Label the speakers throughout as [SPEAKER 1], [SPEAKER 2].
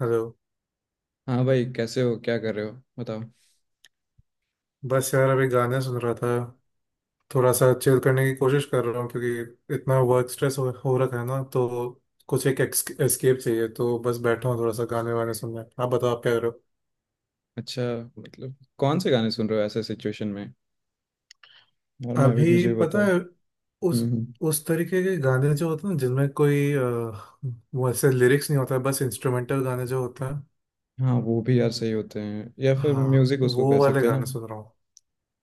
[SPEAKER 1] Hello.
[SPEAKER 2] हाँ भाई, कैसे हो? क्या कर रहे हो? बताओ।
[SPEAKER 1] बस यार अभी गाने सुन रहा था। थोड़ा सा चिल करने की कोशिश कर रहा हूँ क्योंकि इतना वर्क स्ट्रेस हो रखा है ना, तो कुछ एक एस्केप चाहिए। तो बस बैठा हूँ थोड़ा सा गाने वाने सुनने। आप बताओ, आप क्या कर रहे हो?
[SPEAKER 2] अच्छा, मतलब कौन से गाने सुन रहे हो ऐसे सिचुएशन में? और मैं भी,
[SPEAKER 1] अभी
[SPEAKER 2] मुझे भी
[SPEAKER 1] पता
[SPEAKER 2] बताओ।
[SPEAKER 1] है, उस
[SPEAKER 2] हम्म हम्म।
[SPEAKER 1] उस तरीके के गाने जो होते हैं ना, जिनमें कोई वैसे लिरिक्स नहीं होता है, बस इंस्ट्रूमेंटल गाने जो होते हैं।
[SPEAKER 2] हाँ वो भी यार सही होते हैं, या फिर
[SPEAKER 1] हाँ,
[SPEAKER 2] म्यूजिक उसको
[SPEAKER 1] वो
[SPEAKER 2] कह
[SPEAKER 1] वाले
[SPEAKER 2] सकते हैं ना।
[SPEAKER 1] गाने सुन रहा हूँ।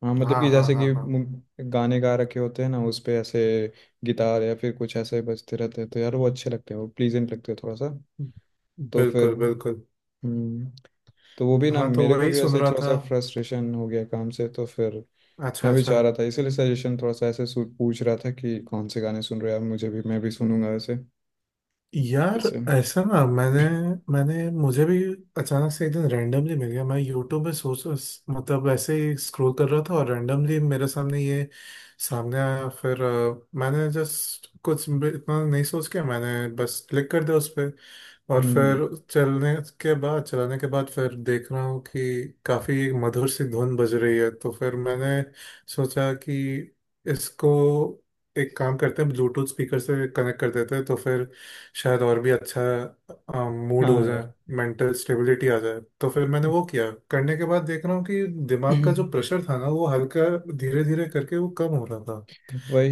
[SPEAKER 2] हाँ मतलब
[SPEAKER 1] हाँ
[SPEAKER 2] कि
[SPEAKER 1] हाँ
[SPEAKER 2] जैसे
[SPEAKER 1] हाँ
[SPEAKER 2] कि
[SPEAKER 1] हाँ।
[SPEAKER 2] गाने गा रखे होते हैं ना, उस पे ऐसे गिटार या फिर कुछ ऐसे बजते रहते हैं, तो यार वो अच्छे लगते हैं, वो प्लीजेंट लगते हैं थोड़ा सा। तो फिर
[SPEAKER 1] बिल्कुल बिल्कुल।
[SPEAKER 2] हम्म, तो वो भी ना,
[SPEAKER 1] हाँ, तो
[SPEAKER 2] मेरे को
[SPEAKER 1] वही
[SPEAKER 2] भी
[SPEAKER 1] सुन
[SPEAKER 2] ऐसे
[SPEAKER 1] रहा
[SPEAKER 2] थोड़ा
[SPEAKER 1] था।
[SPEAKER 2] सा फ्रस्ट्रेशन हो गया काम से, तो फिर
[SPEAKER 1] अच्छा
[SPEAKER 2] मैं भी
[SPEAKER 1] अच्छा।
[SPEAKER 2] चाह रहा था, इसीलिए सजेशन थोड़ा सा ऐसे पूछ रहा था कि कौन से गाने सुन रहे हो आप, मुझे भी, मैं भी सुनूंगा ऐसे।
[SPEAKER 1] यार
[SPEAKER 2] ऐसे
[SPEAKER 1] ऐसा ना, मैंने मैंने मुझे भी अचानक से एक दिन रैंडमली मिल गया। मैं यूट्यूब में सोच, मतलब ऐसे ही स्क्रॉल कर रहा था और रैंडमली मेरे सामने ये सामने आया। फिर मैंने जस्ट कुछ भी- इतना नहीं सोच के मैंने बस क्लिक कर दिया उस पे। और
[SPEAKER 2] हम्म,
[SPEAKER 1] फिर चलने के बाद, चलाने के बाद फिर देख रहा हूँ कि काफी एक मधुर सी धुन बज रही है। तो फिर मैंने सोचा कि इसको एक काम करते हैं, ब्लूटूथ स्पीकर से कनेक्ट कर देते हैं, तो फिर शायद और भी अच्छा मूड हो
[SPEAKER 2] हाँ
[SPEAKER 1] जाए,
[SPEAKER 2] यार।
[SPEAKER 1] मेंटल स्टेबिलिटी आ जाए। तो फिर मैंने वो किया, करने के बाद देख रहा हूँ कि दिमाग का जो प्रेशर था ना, वो हल्का धीरे धीरे करके वो कम हो रहा था।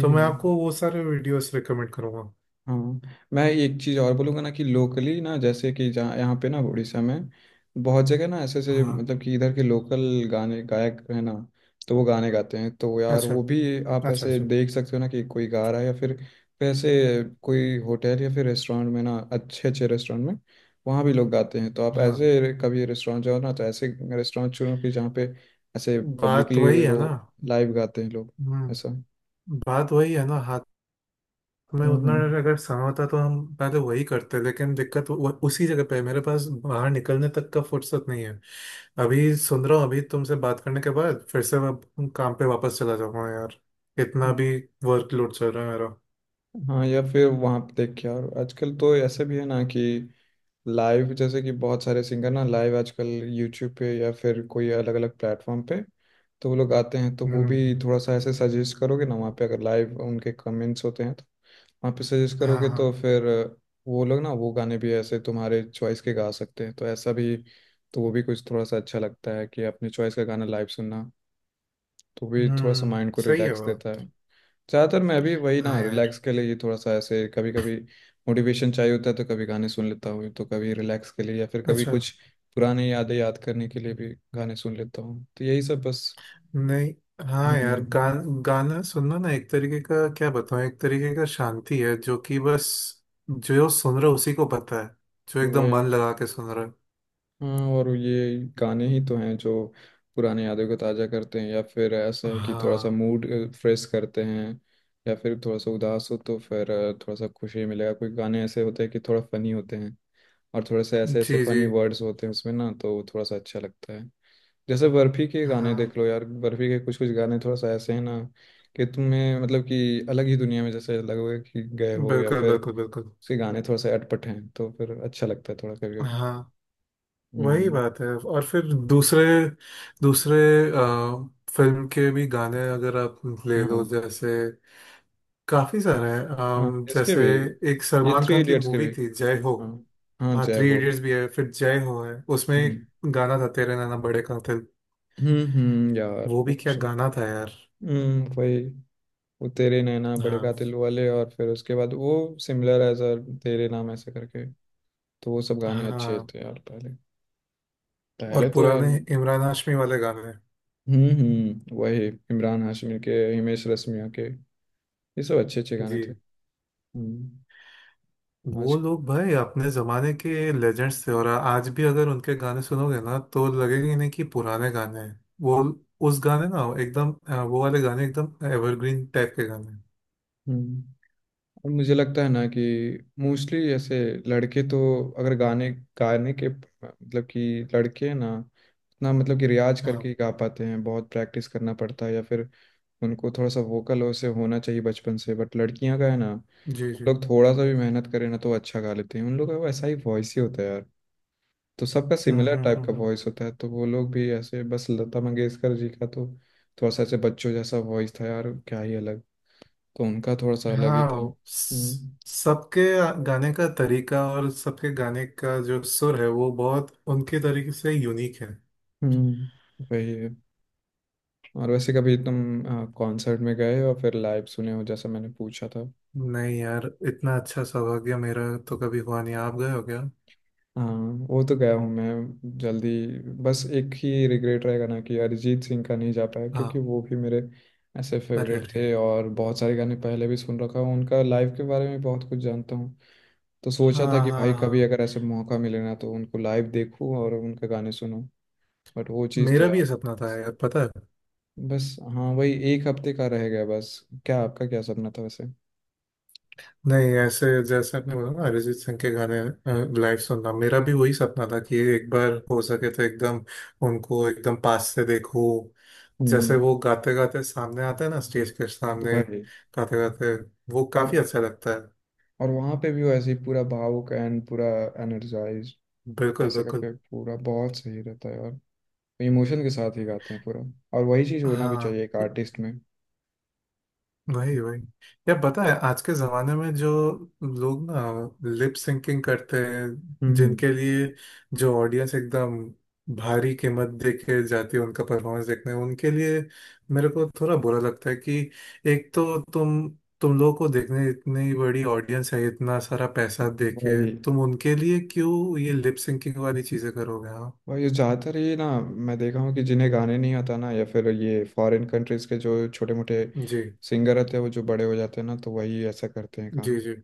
[SPEAKER 1] तो मैं
[SPEAKER 2] है।
[SPEAKER 1] आपको वो सारे वीडियोस रिकमेंड करूँगा।
[SPEAKER 2] हाँ मैं एक चीज़ और बोलूँगा ना, कि लोकली ना, जैसे कि जहाँ यहाँ पे ना उड़ीसा में बहुत जगह ना, ऐसे ऐसे
[SPEAKER 1] हाँ।
[SPEAKER 2] मतलब कि इधर के लोकल गाने गायक है ना, तो वो गाने गाते हैं, तो यार
[SPEAKER 1] अच्छा
[SPEAKER 2] वो भी आप
[SPEAKER 1] अच्छा।
[SPEAKER 2] ऐसे
[SPEAKER 1] अच्छा।
[SPEAKER 2] देख सकते हो ना, कि कोई गा रहा है। या फिर ऐसे कोई होटल या फिर रेस्टोरेंट में ना, अच्छे अच्छे रेस्टोरेंट में वहाँ भी लोग गाते हैं, तो आप
[SPEAKER 1] हाँ।
[SPEAKER 2] ऐसे कभी रेस्टोरेंट जाओ ना, तो ऐसे रेस्टोरेंट चुनो कि जहाँ पे ऐसे
[SPEAKER 1] बात
[SPEAKER 2] पब्लिकली
[SPEAKER 1] वही है
[SPEAKER 2] रो
[SPEAKER 1] ना।
[SPEAKER 2] लाइव गाते हैं लोग ऐसा।
[SPEAKER 1] हम्म। बात वही है ना। हाथ में उतना
[SPEAKER 2] हम्म
[SPEAKER 1] अगर समय होता तो हम पहले वही करते, लेकिन दिक्कत उसी जगह पे है। मेरे पास बाहर निकलने तक का फुर्सत नहीं है। अभी सुन रहा हूँ, अभी तुमसे बात करने के बाद फिर से मैं काम पे वापस चला जाऊंगा यार। इतना
[SPEAKER 2] हम्म।
[SPEAKER 1] भी वर्कलोड चल रहा है मेरा।
[SPEAKER 2] हाँ, या फिर वहाँ पे देख के। और आजकल तो ऐसे भी है ना कि लाइव जैसे कि बहुत सारे सिंगर ना लाइव आजकल यूट्यूब पे या फिर कोई अलग अलग प्लेटफॉर्म पे, तो वो लोग आते हैं, तो वो भी
[SPEAKER 1] हम्म।
[SPEAKER 2] थोड़ा सा ऐसे सजेस्ट करोगे ना, वहाँ पे अगर लाइव उनके कमेंट्स होते हैं, तो वहाँ पे सजेस्ट
[SPEAKER 1] हाँ
[SPEAKER 2] करोगे, तो
[SPEAKER 1] हाँ।
[SPEAKER 2] फिर वो लोग ना वो गाने भी ऐसे तुम्हारे चॉइस के गा सकते हैं, तो ऐसा भी, तो वो भी कुछ थोड़ा सा अच्छा लगता है कि अपने चॉइस का गाना लाइव सुनना, तो भी थोड़ा सा
[SPEAKER 1] हम्म,
[SPEAKER 2] माइंड को
[SPEAKER 1] सही है
[SPEAKER 2] रिलैक्स
[SPEAKER 1] वो।
[SPEAKER 2] देता है। ज़्यादातर मैं अभी वही ना,
[SPEAKER 1] हाँ यार।
[SPEAKER 2] रिलैक्स के लिए, ये थोड़ा सा ऐसे कभी कभी मोटिवेशन चाहिए होता है, तो कभी गाने सुन लेता हूँ, तो कभी रिलैक्स के लिए, या फिर कभी
[SPEAKER 1] अच्छा।
[SPEAKER 2] कुछ पुराने यादें याद करने के लिए भी गाने सुन लेता हूँ। तो यही सब बस।
[SPEAKER 1] नहीं, हाँ यार
[SPEAKER 2] हम्म
[SPEAKER 1] गा, गाना सुनना ना एक तरीके का, क्या बताऊँ, एक तरीके का शांति है, जो कि बस जो सुन रहा है उसी को पता है। जो एकदम
[SPEAKER 2] वही।
[SPEAKER 1] मन लगा के सुन रहा है।
[SPEAKER 2] हाँ, और ये गाने ही तो हैं जो पुराने यादों को ताज़ा करते हैं, या फिर ऐसा है कि थोड़ा सा
[SPEAKER 1] हाँ।
[SPEAKER 2] मूड फ्रेश करते हैं, या फिर थोड़ा सा उदास हो तो फिर थोड़ा सा खुशी मिलेगा। कोई गाने ऐसे होते हैं कि थोड़ा फनी होते हैं, और थोड़े से ऐसे ऐसे
[SPEAKER 1] जी जी।
[SPEAKER 2] फनी वर्ड्स होते हैं उसमें ना, तो वो थोड़ा सा अच्छा लगता है। जैसे बर्फी के गाने
[SPEAKER 1] हाँ,
[SPEAKER 2] देख लो यार, बर्फी के कुछ कुछ गाने थोड़ा सा ऐसे हैं ना कि तुम्हें मतलब कि अलग ही दुनिया में जैसे लगोगे कि गए हो, या
[SPEAKER 1] बिल्कुल
[SPEAKER 2] फिर
[SPEAKER 1] बिल्कुल बिल्कुल।
[SPEAKER 2] उसके गाने थोड़ा सा अटपट हैं, तो फिर अच्छा लगता है थोड़ा कभी कभी।
[SPEAKER 1] हाँ वही
[SPEAKER 2] हम्म।
[SPEAKER 1] बात है। और फिर दूसरे दूसरे फिल्म के भी गाने अगर आप ले लो,
[SPEAKER 2] हाँ।
[SPEAKER 1] जैसे काफी सारे हैं।
[SPEAKER 2] हाँ इसके
[SPEAKER 1] जैसे
[SPEAKER 2] भी,
[SPEAKER 1] एक
[SPEAKER 2] ये
[SPEAKER 1] सलमान
[SPEAKER 2] थ्री
[SPEAKER 1] खान की
[SPEAKER 2] इडियट्स के
[SPEAKER 1] मूवी
[SPEAKER 2] भी।
[SPEAKER 1] थी जय हो।
[SPEAKER 2] हाँ, हाँ
[SPEAKER 1] हाँ,
[SPEAKER 2] जय
[SPEAKER 1] थ्री
[SPEAKER 2] हो।
[SPEAKER 1] इडियट्स भी है, फिर जय हो है, उसमें एक
[SPEAKER 2] हम्म
[SPEAKER 1] गाना था तेरे नैना बड़े कातिल।
[SPEAKER 2] यार
[SPEAKER 1] वो
[SPEAKER 2] वो
[SPEAKER 1] भी क्या गाना था यार।
[SPEAKER 2] वही। वो तेरे नैना बड़े
[SPEAKER 1] हाँ
[SPEAKER 2] कातिल वाले, और फिर उसके बाद वो similar as a Tere Naam ऐसे करके, तो वो सब गाने अच्छे
[SPEAKER 1] हाँ।
[SPEAKER 2] थे यार पहले।
[SPEAKER 1] और
[SPEAKER 2] पहले तो यार
[SPEAKER 1] पुराने इमरान हाशमी वाले गाने।
[SPEAKER 2] हम्म, वही इमरान हाशमी के, हिमेश रेशमिया के, ये सब अच्छे अच्छे गाने
[SPEAKER 1] जी।
[SPEAKER 2] थे। हम्म। आज
[SPEAKER 1] वो लोग भाई अपने जमाने के लेजेंड्स थे, और आज भी अगर उनके गाने सुनोगे ना तो लगेगा ही नहीं कि पुराने गाने हैं वो। उस गाने ना एकदम वो वाले गाने एकदम एवरग्रीन टाइप के गाने हैं।
[SPEAKER 2] हम्म, और मुझे लगता है ना कि मोस्टली ऐसे लड़के तो अगर गाने गाने के मतलब कि लड़के हैं ना, ना मतलब कि रियाज
[SPEAKER 1] हाँ।
[SPEAKER 2] करके ही गा पाते हैं, बहुत प्रैक्टिस करना पड़ता है, या फिर उनको थोड़ा सा वोकल उससे होना चाहिए बचपन से, बट लड़कियां का है ना
[SPEAKER 1] जी
[SPEAKER 2] कि वो
[SPEAKER 1] जी।
[SPEAKER 2] लोग थोड़ा सा भी मेहनत करें ना, तो अच्छा गा लेते हैं। उन लोग का वैसा ही वॉइस ही होता है यार, तो सबका
[SPEAKER 1] हम्म
[SPEAKER 2] सिमिलर
[SPEAKER 1] हम्म
[SPEAKER 2] टाइप का
[SPEAKER 1] हम्म हम्म।
[SPEAKER 2] वॉइस होता है, तो वो लोग भी ऐसे बस। लता मंगेशकर जी का तो थोड़ा सा ऐसे बच्चों जैसा वॉइस था यार, क्या ही अलग, तो उनका थोड़ा सा अलग ही था।
[SPEAKER 1] हाँ, सबके गाने का तरीका और सबके गाने का जो सुर है, वो बहुत उनके तरीके से यूनिक है।
[SPEAKER 2] वही है। और वैसे कभी तुम कॉन्सर्ट में गए हो और फिर लाइव सुने हो, जैसा मैंने पूछा था।
[SPEAKER 1] नहीं यार, इतना अच्छा सौभाग्य मेरा तो कभी हुआ नहीं। आप गए हो क्या?
[SPEAKER 2] हाँ, वो तो गया हूँ मैं जल्दी, बस एक ही रिग्रेट रहेगा ना कि अरिजीत सिंह का नहीं जा पाया, क्योंकि
[SPEAKER 1] हाँ।
[SPEAKER 2] वो भी मेरे ऐसे
[SPEAKER 1] अरे
[SPEAKER 2] फेवरेट
[SPEAKER 1] अरे।
[SPEAKER 2] थे, और बहुत सारे गाने पहले भी सुन रखा हूँ, उनका लाइव के बारे में बहुत कुछ जानता हूँ, तो सोचा
[SPEAKER 1] हाँ
[SPEAKER 2] था कि भाई
[SPEAKER 1] हाँ
[SPEAKER 2] कभी
[SPEAKER 1] हाँ।
[SPEAKER 2] अगर ऐसे मौका मिले ना, तो उनको लाइव देखूँ और उनके गाने सुनूँ, बट वो चीज़ तो
[SPEAKER 1] मेरा भी
[SPEAKER 2] यार
[SPEAKER 1] ये सपना था यार, पता है।
[SPEAKER 2] बस। हाँ वही एक हफ्ते का रह गया बस। क्या आपका क्या सपना था वैसे?
[SPEAKER 1] नहीं, ऐसे जैसे आपने बोला ना, अरिजीत सिंह के गाने लाइव सुनना मेरा भी वही सपना था कि एक बार हो सके तो एकदम उनको एकदम पास से देखूं। जैसे
[SPEAKER 2] हम्म
[SPEAKER 1] वो गाते गाते सामने आते हैं ना, स्टेज के सामने
[SPEAKER 2] वही।
[SPEAKER 1] गाते गाते, वो
[SPEAKER 2] और
[SPEAKER 1] काफी अच्छा लगता है।
[SPEAKER 2] और वहाँ पे भी वो ऐसे ही पूरा भावुक एंड पूरा एनर्जाइज
[SPEAKER 1] बिल्कुल
[SPEAKER 2] ऐसे
[SPEAKER 1] बिल्कुल।
[SPEAKER 2] करके पूरा बहुत सही रहता है यार, इमोशन के साथ ही गाते हैं पूरा, और वही चीज़ होना भी
[SPEAKER 1] हाँ
[SPEAKER 2] चाहिए एक आर्टिस्ट में।
[SPEAKER 1] वही वही। यार पता है, आज के जमाने में जो लोग ना लिप सिंकिंग करते हैं,
[SPEAKER 2] हम्म हम्म।
[SPEAKER 1] जिनके लिए जो ऑडियंस एकदम भारी कीमत दे के जाती है उनका परफॉर्मेंस देखने, उनके लिए मेरे को थोड़ा बुरा लगता है कि एक तो तुम लोगों को देखने इतनी बड़ी ऑडियंस है, इतना सारा पैसा दे के
[SPEAKER 2] भाई
[SPEAKER 1] तुम उनके लिए क्यों ये लिप सिंकिंग वाली चीजें करोगे? हाँ।
[SPEAKER 2] भाई ज़्यादातर ये ना मैं देखा हूँ कि जिन्हें गाने नहीं आता ना, या फिर ये फॉरेन कंट्रीज के जो छोटे मोटे
[SPEAKER 1] जी
[SPEAKER 2] सिंगर रहते हैं वो जो बड़े हो जाते हैं ना, तो वही ऐसा करते हैं
[SPEAKER 1] जी।
[SPEAKER 2] काम।
[SPEAKER 1] जी,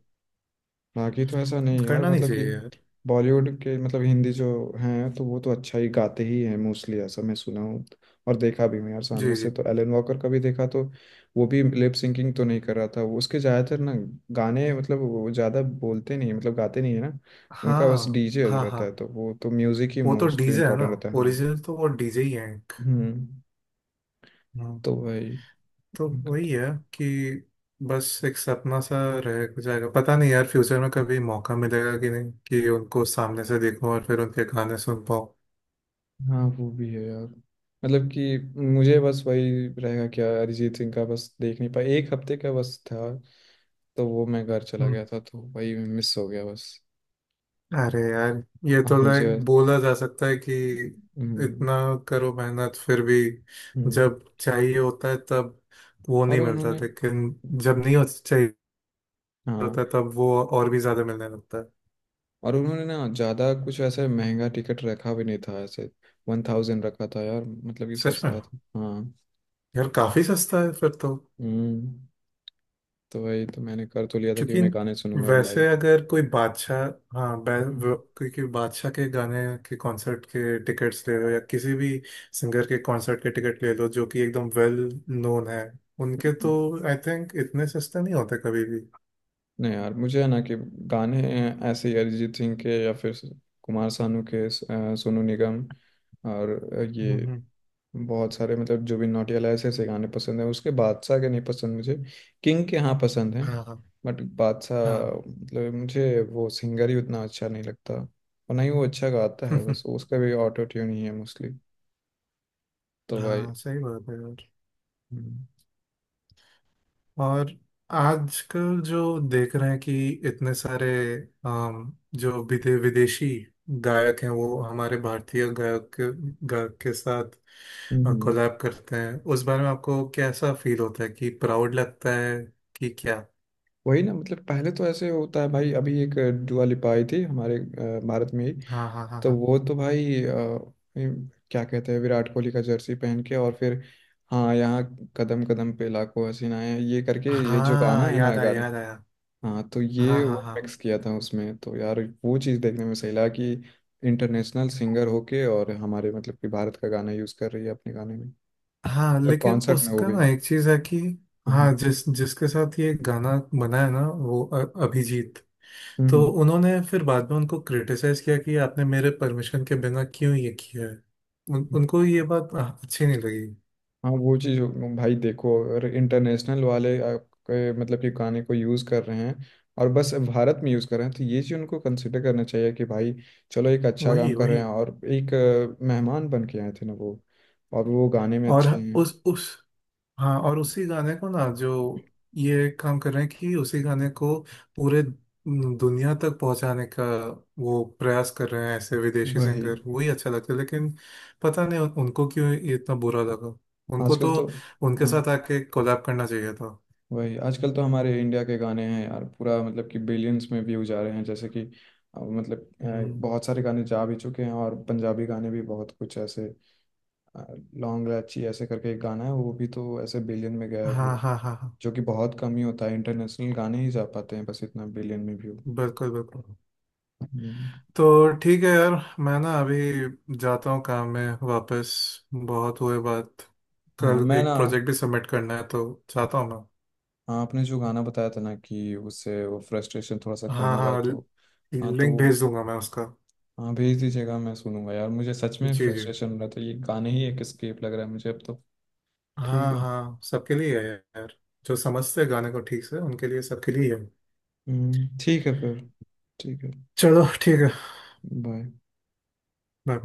[SPEAKER 2] बाकी तो ऐसा नहीं यार,
[SPEAKER 1] करना नहीं
[SPEAKER 2] मतलब कि
[SPEAKER 1] चाहिए यार।
[SPEAKER 2] बॉलीवुड के, मतलब हिंदी जो हैं, तो वो तो अच्छा ही गाते ही हैं मोस्टली, ऐसा मैं सुना हूँ और देखा भी हूँ यार सामने
[SPEAKER 1] जी जी।
[SPEAKER 2] से। तो एलन वॉकर का भी देखा, तो वो भी लिप सिंकिंग तो नहीं कर रहा था। वो उसके ज़्यादातर ना गाने मतलब वो ज़्यादा बोलते नहीं है, मतलब गाते नहीं है ना, उनका बस
[SPEAKER 1] हाँ
[SPEAKER 2] डीजे
[SPEAKER 1] हाँ हाँ।
[SPEAKER 2] रहता है, तो वो तो म्यूज़िक ही
[SPEAKER 1] वो तो
[SPEAKER 2] मोस्टली
[SPEAKER 1] डीजे है ना,
[SPEAKER 2] इम्पोर्टेंट रहता है हाँ।
[SPEAKER 1] ओरिजिनल तो वो डीजे ही है एक।
[SPEAKER 2] हम्म,
[SPEAKER 1] हाँ।
[SPEAKER 2] तो वही।
[SPEAKER 1] तो वही है कि बस एक सपना सा रह जाएगा। पता नहीं यार, फ्यूचर में कभी मौका मिलेगा कि नहीं कि उनको सामने से देखूं और फिर उनके गाने सुन पाऊं।
[SPEAKER 2] हाँ वो भी है यार, मतलब कि मुझे बस वही रहेगा क्या अरिजीत सिंह का, बस देख नहीं पाया, एक हफ्ते का बस था, तो वो मैं घर चला
[SPEAKER 1] हम्म।
[SPEAKER 2] गया था, तो वही मिस हो गया बस।
[SPEAKER 1] अरे यार, ये
[SPEAKER 2] और
[SPEAKER 1] तो
[SPEAKER 2] मुझे
[SPEAKER 1] लाइक बोला जा सकता है कि
[SPEAKER 2] हम्म,
[SPEAKER 1] इतना करो मेहनत, फिर भी
[SPEAKER 2] हम्म।
[SPEAKER 1] जब चाहिए होता है तब वो
[SPEAKER 2] और
[SPEAKER 1] नहीं मिलता,
[SPEAKER 2] उन्होंने,
[SPEAKER 1] लेकिन जब नहीं हो चाहिए
[SPEAKER 2] हाँ
[SPEAKER 1] होता है, तब वो और भी ज्यादा मिलने लगता है।
[SPEAKER 2] और उन्होंने ना ज़्यादा कुछ ऐसे महंगा टिकट रखा भी नहीं था ऐसे, 1,000 रखा था यार, मतलब कि
[SPEAKER 1] सच में?
[SPEAKER 2] सस्ता था हाँ।
[SPEAKER 1] यार काफी सस्ता है फिर तो।
[SPEAKER 2] हम्म, तो वही तो मैंने कर तो लिया था कि
[SPEAKER 1] क्योंकि
[SPEAKER 2] मैं गाने सुनूंगा अब लाइव।
[SPEAKER 1] वैसे अगर कोई बादशाह, हाँ क्योंकि बादशाह के गाने के कॉन्सर्ट के टिकट्स ले लो, या किसी भी सिंगर के कॉन्सर्ट के टिकट ले लो जो कि एकदम वेल नोन है, उनके तो आई थिंक इतने सस्ते नहीं होते कभी भी।
[SPEAKER 2] नहीं यार, मुझे है ना कि गाने ऐसे ही अरिजीत सिंह के या फिर कुमार सानू के सोनू निगम और ये
[SPEAKER 1] हम्म।
[SPEAKER 2] बहुत सारे, मतलब जुबिन नौटियाल, ऐसे ऐसे गाने पसंद हैं उसके। बादशाह के नहीं पसंद मुझे, किंग के हाँ पसंद हैं,
[SPEAKER 1] हाँ
[SPEAKER 2] बट बादशाह
[SPEAKER 1] हाँ।
[SPEAKER 2] मतलब मुझे वो सिंगर ही उतना अच्छा नहीं लगता, और ना ही वो अच्छा गाता है, बस उसका भी ऑटो ट्यून ही है मोस्टली, तो भाई।
[SPEAKER 1] हाँ सही बात है यार।
[SPEAKER 2] हम्म
[SPEAKER 1] और आजकल जो देख रहे हैं कि इतने सारे जो विदेशी गायक हैं वो हमारे भारतीय गायक के साथ
[SPEAKER 2] हम्म।
[SPEAKER 1] कोलैब करते हैं, उस बारे में आपको कैसा फील होता है? कि प्राउड लगता है, कि क्या?
[SPEAKER 2] वही ना, मतलब पहले तो ऐसे होता है भाई, अभी एक दुआ लिपाई थी हमारे भारत में ही,
[SPEAKER 1] हाँ हाँ हाँ
[SPEAKER 2] तो
[SPEAKER 1] हाँ।
[SPEAKER 2] वो तो भाई ये क्या कहते हैं, विराट कोहली का जर्सी पहन के और फिर, हाँ यहाँ कदम कदम पे लाखों हसीनाएं ये करके ये जो गाना
[SPEAKER 1] हाँ
[SPEAKER 2] है ना
[SPEAKER 1] याद आया
[SPEAKER 2] गाने,
[SPEAKER 1] याद आया।
[SPEAKER 2] हाँ तो ये
[SPEAKER 1] हाँ हाँ
[SPEAKER 2] वो
[SPEAKER 1] हाँ
[SPEAKER 2] मिक्स किया था उसमें, तो यार वो चीज़ देखने में सही लगा कि इंटरनेशनल सिंगर होके और हमारे मतलब कि भारत का गाना यूज़ कर रही है अपने गाने में,
[SPEAKER 1] हाँ। लेकिन
[SPEAKER 2] कॉन्सर्ट में वो
[SPEAKER 1] उसका
[SPEAKER 2] भी।
[SPEAKER 1] ना एक चीज है कि
[SPEAKER 2] हाँ
[SPEAKER 1] हाँ,
[SPEAKER 2] हाँ।
[SPEAKER 1] जिसके साथ ये गाना बना है ना, वो अ- अभिजीत,
[SPEAKER 2] हम्म
[SPEAKER 1] तो
[SPEAKER 2] हम्म।
[SPEAKER 1] उन्होंने फिर बाद में उनको क्रिटिसाइज किया कि आपने मेरे परमिशन के बिना क्यों ये किया है। उनको ये बात अच्छी नहीं लगी।
[SPEAKER 2] हाँ वो चीज़ भाई देखो, अगर इंटरनेशनल वाले आपके मतलब कि गाने को यूज़ कर रहे हैं और बस भारत में यूज़ कर रहे हैं, तो ये चीज़ उनको कंसिडर करना चाहिए कि भाई चलो एक अच्छा काम
[SPEAKER 1] वही
[SPEAKER 2] कर रहे
[SPEAKER 1] वही।
[SPEAKER 2] हैं, और एक मेहमान बन के आए थे ना वो, और वो गाने में
[SPEAKER 1] और
[SPEAKER 2] अच्छे हैं।
[SPEAKER 1] उस हाँ, और उसी गाने को ना, जो ये काम कर रहे हैं कि उसी गाने को पूरे दुनिया तक पहुंचाने का वो प्रयास कर रहे हैं ऐसे विदेशी
[SPEAKER 2] वही
[SPEAKER 1] सिंगर, वही अच्छा लगता है। लेकिन पता नहीं उनको क्यों ये इतना बुरा लगा। उनको
[SPEAKER 2] आजकल
[SPEAKER 1] तो
[SPEAKER 2] तो।
[SPEAKER 1] उनके
[SPEAKER 2] हाँ,
[SPEAKER 1] साथ आके कोलैब करना चाहिए था।
[SPEAKER 2] वही आजकल तो हमारे इंडिया के गाने हैं यार, पूरा मतलब कि बिलियंस में व्यू जा रहे हैं, जैसे कि मतलब
[SPEAKER 1] हम्म।
[SPEAKER 2] बहुत सारे गाने जा भी चुके हैं, और पंजाबी गाने भी बहुत कुछ ऐसे, लॉन्ग लाची ऐसे करके एक गाना है, वो भी तो ऐसे बिलियन में गया
[SPEAKER 1] हाँ
[SPEAKER 2] व्यू,
[SPEAKER 1] हाँ हाँ हाँ।
[SPEAKER 2] जो कि बहुत कम ही होता है, इंटरनेशनल गाने ही जा पाते हैं बस इतना बिलियन में व्यू।
[SPEAKER 1] बिल्कुल बिल्कुल।
[SPEAKER 2] हम्म,
[SPEAKER 1] तो ठीक है यार, मैं ना अभी जाता हूँ काम में वापस। बहुत हुए बात।
[SPEAKER 2] हाँ
[SPEAKER 1] कल
[SPEAKER 2] मैं ना,
[SPEAKER 1] एक प्रोजेक्ट भी सबमिट करना है, तो चाहता हूँ मैं।
[SPEAKER 2] हाँ आपने जो गाना बताया था ना कि उससे वो फ्रस्ट्रेशन थोड़ा सा कम
[SPEAKER 1] हाँ
[SPEAKER 2] होगा,
[SPEAKER 1] हाँ,
[SPEAKER 2] तो हाँ तो
[SPEAKER 1] लिंक
[SPEAKER 2] वो,
[SPEAKER 1] भेज दूंगा मैं उसका।
[SPEAKER 2] हाँ भेज दीजिएगा, मैं सुनूंगा यार, मुझे सच में
[SPEAKER 1] जी जी।
[SPEAKER 2] फ्रस्ट्रेशन हो रहा था, ये गाने ही एक एस्केप लग रहा है मुझे अब तो। ठीक
[SPEAKER 1] हाँ
[SPEAKER 2] है।
[SPEAKER 1] हाँ, सबके लिए है यार। जो समझते हैं गाने को ठीक से, उनके लिए, सबके लिए है।
[SPEAKER 2] ठीक है फिर। ठीक है।
[SPEAKER 1] चलो ठीक है।
[SPEAKER 2] बाय।
[SPEAKER 1] बाय।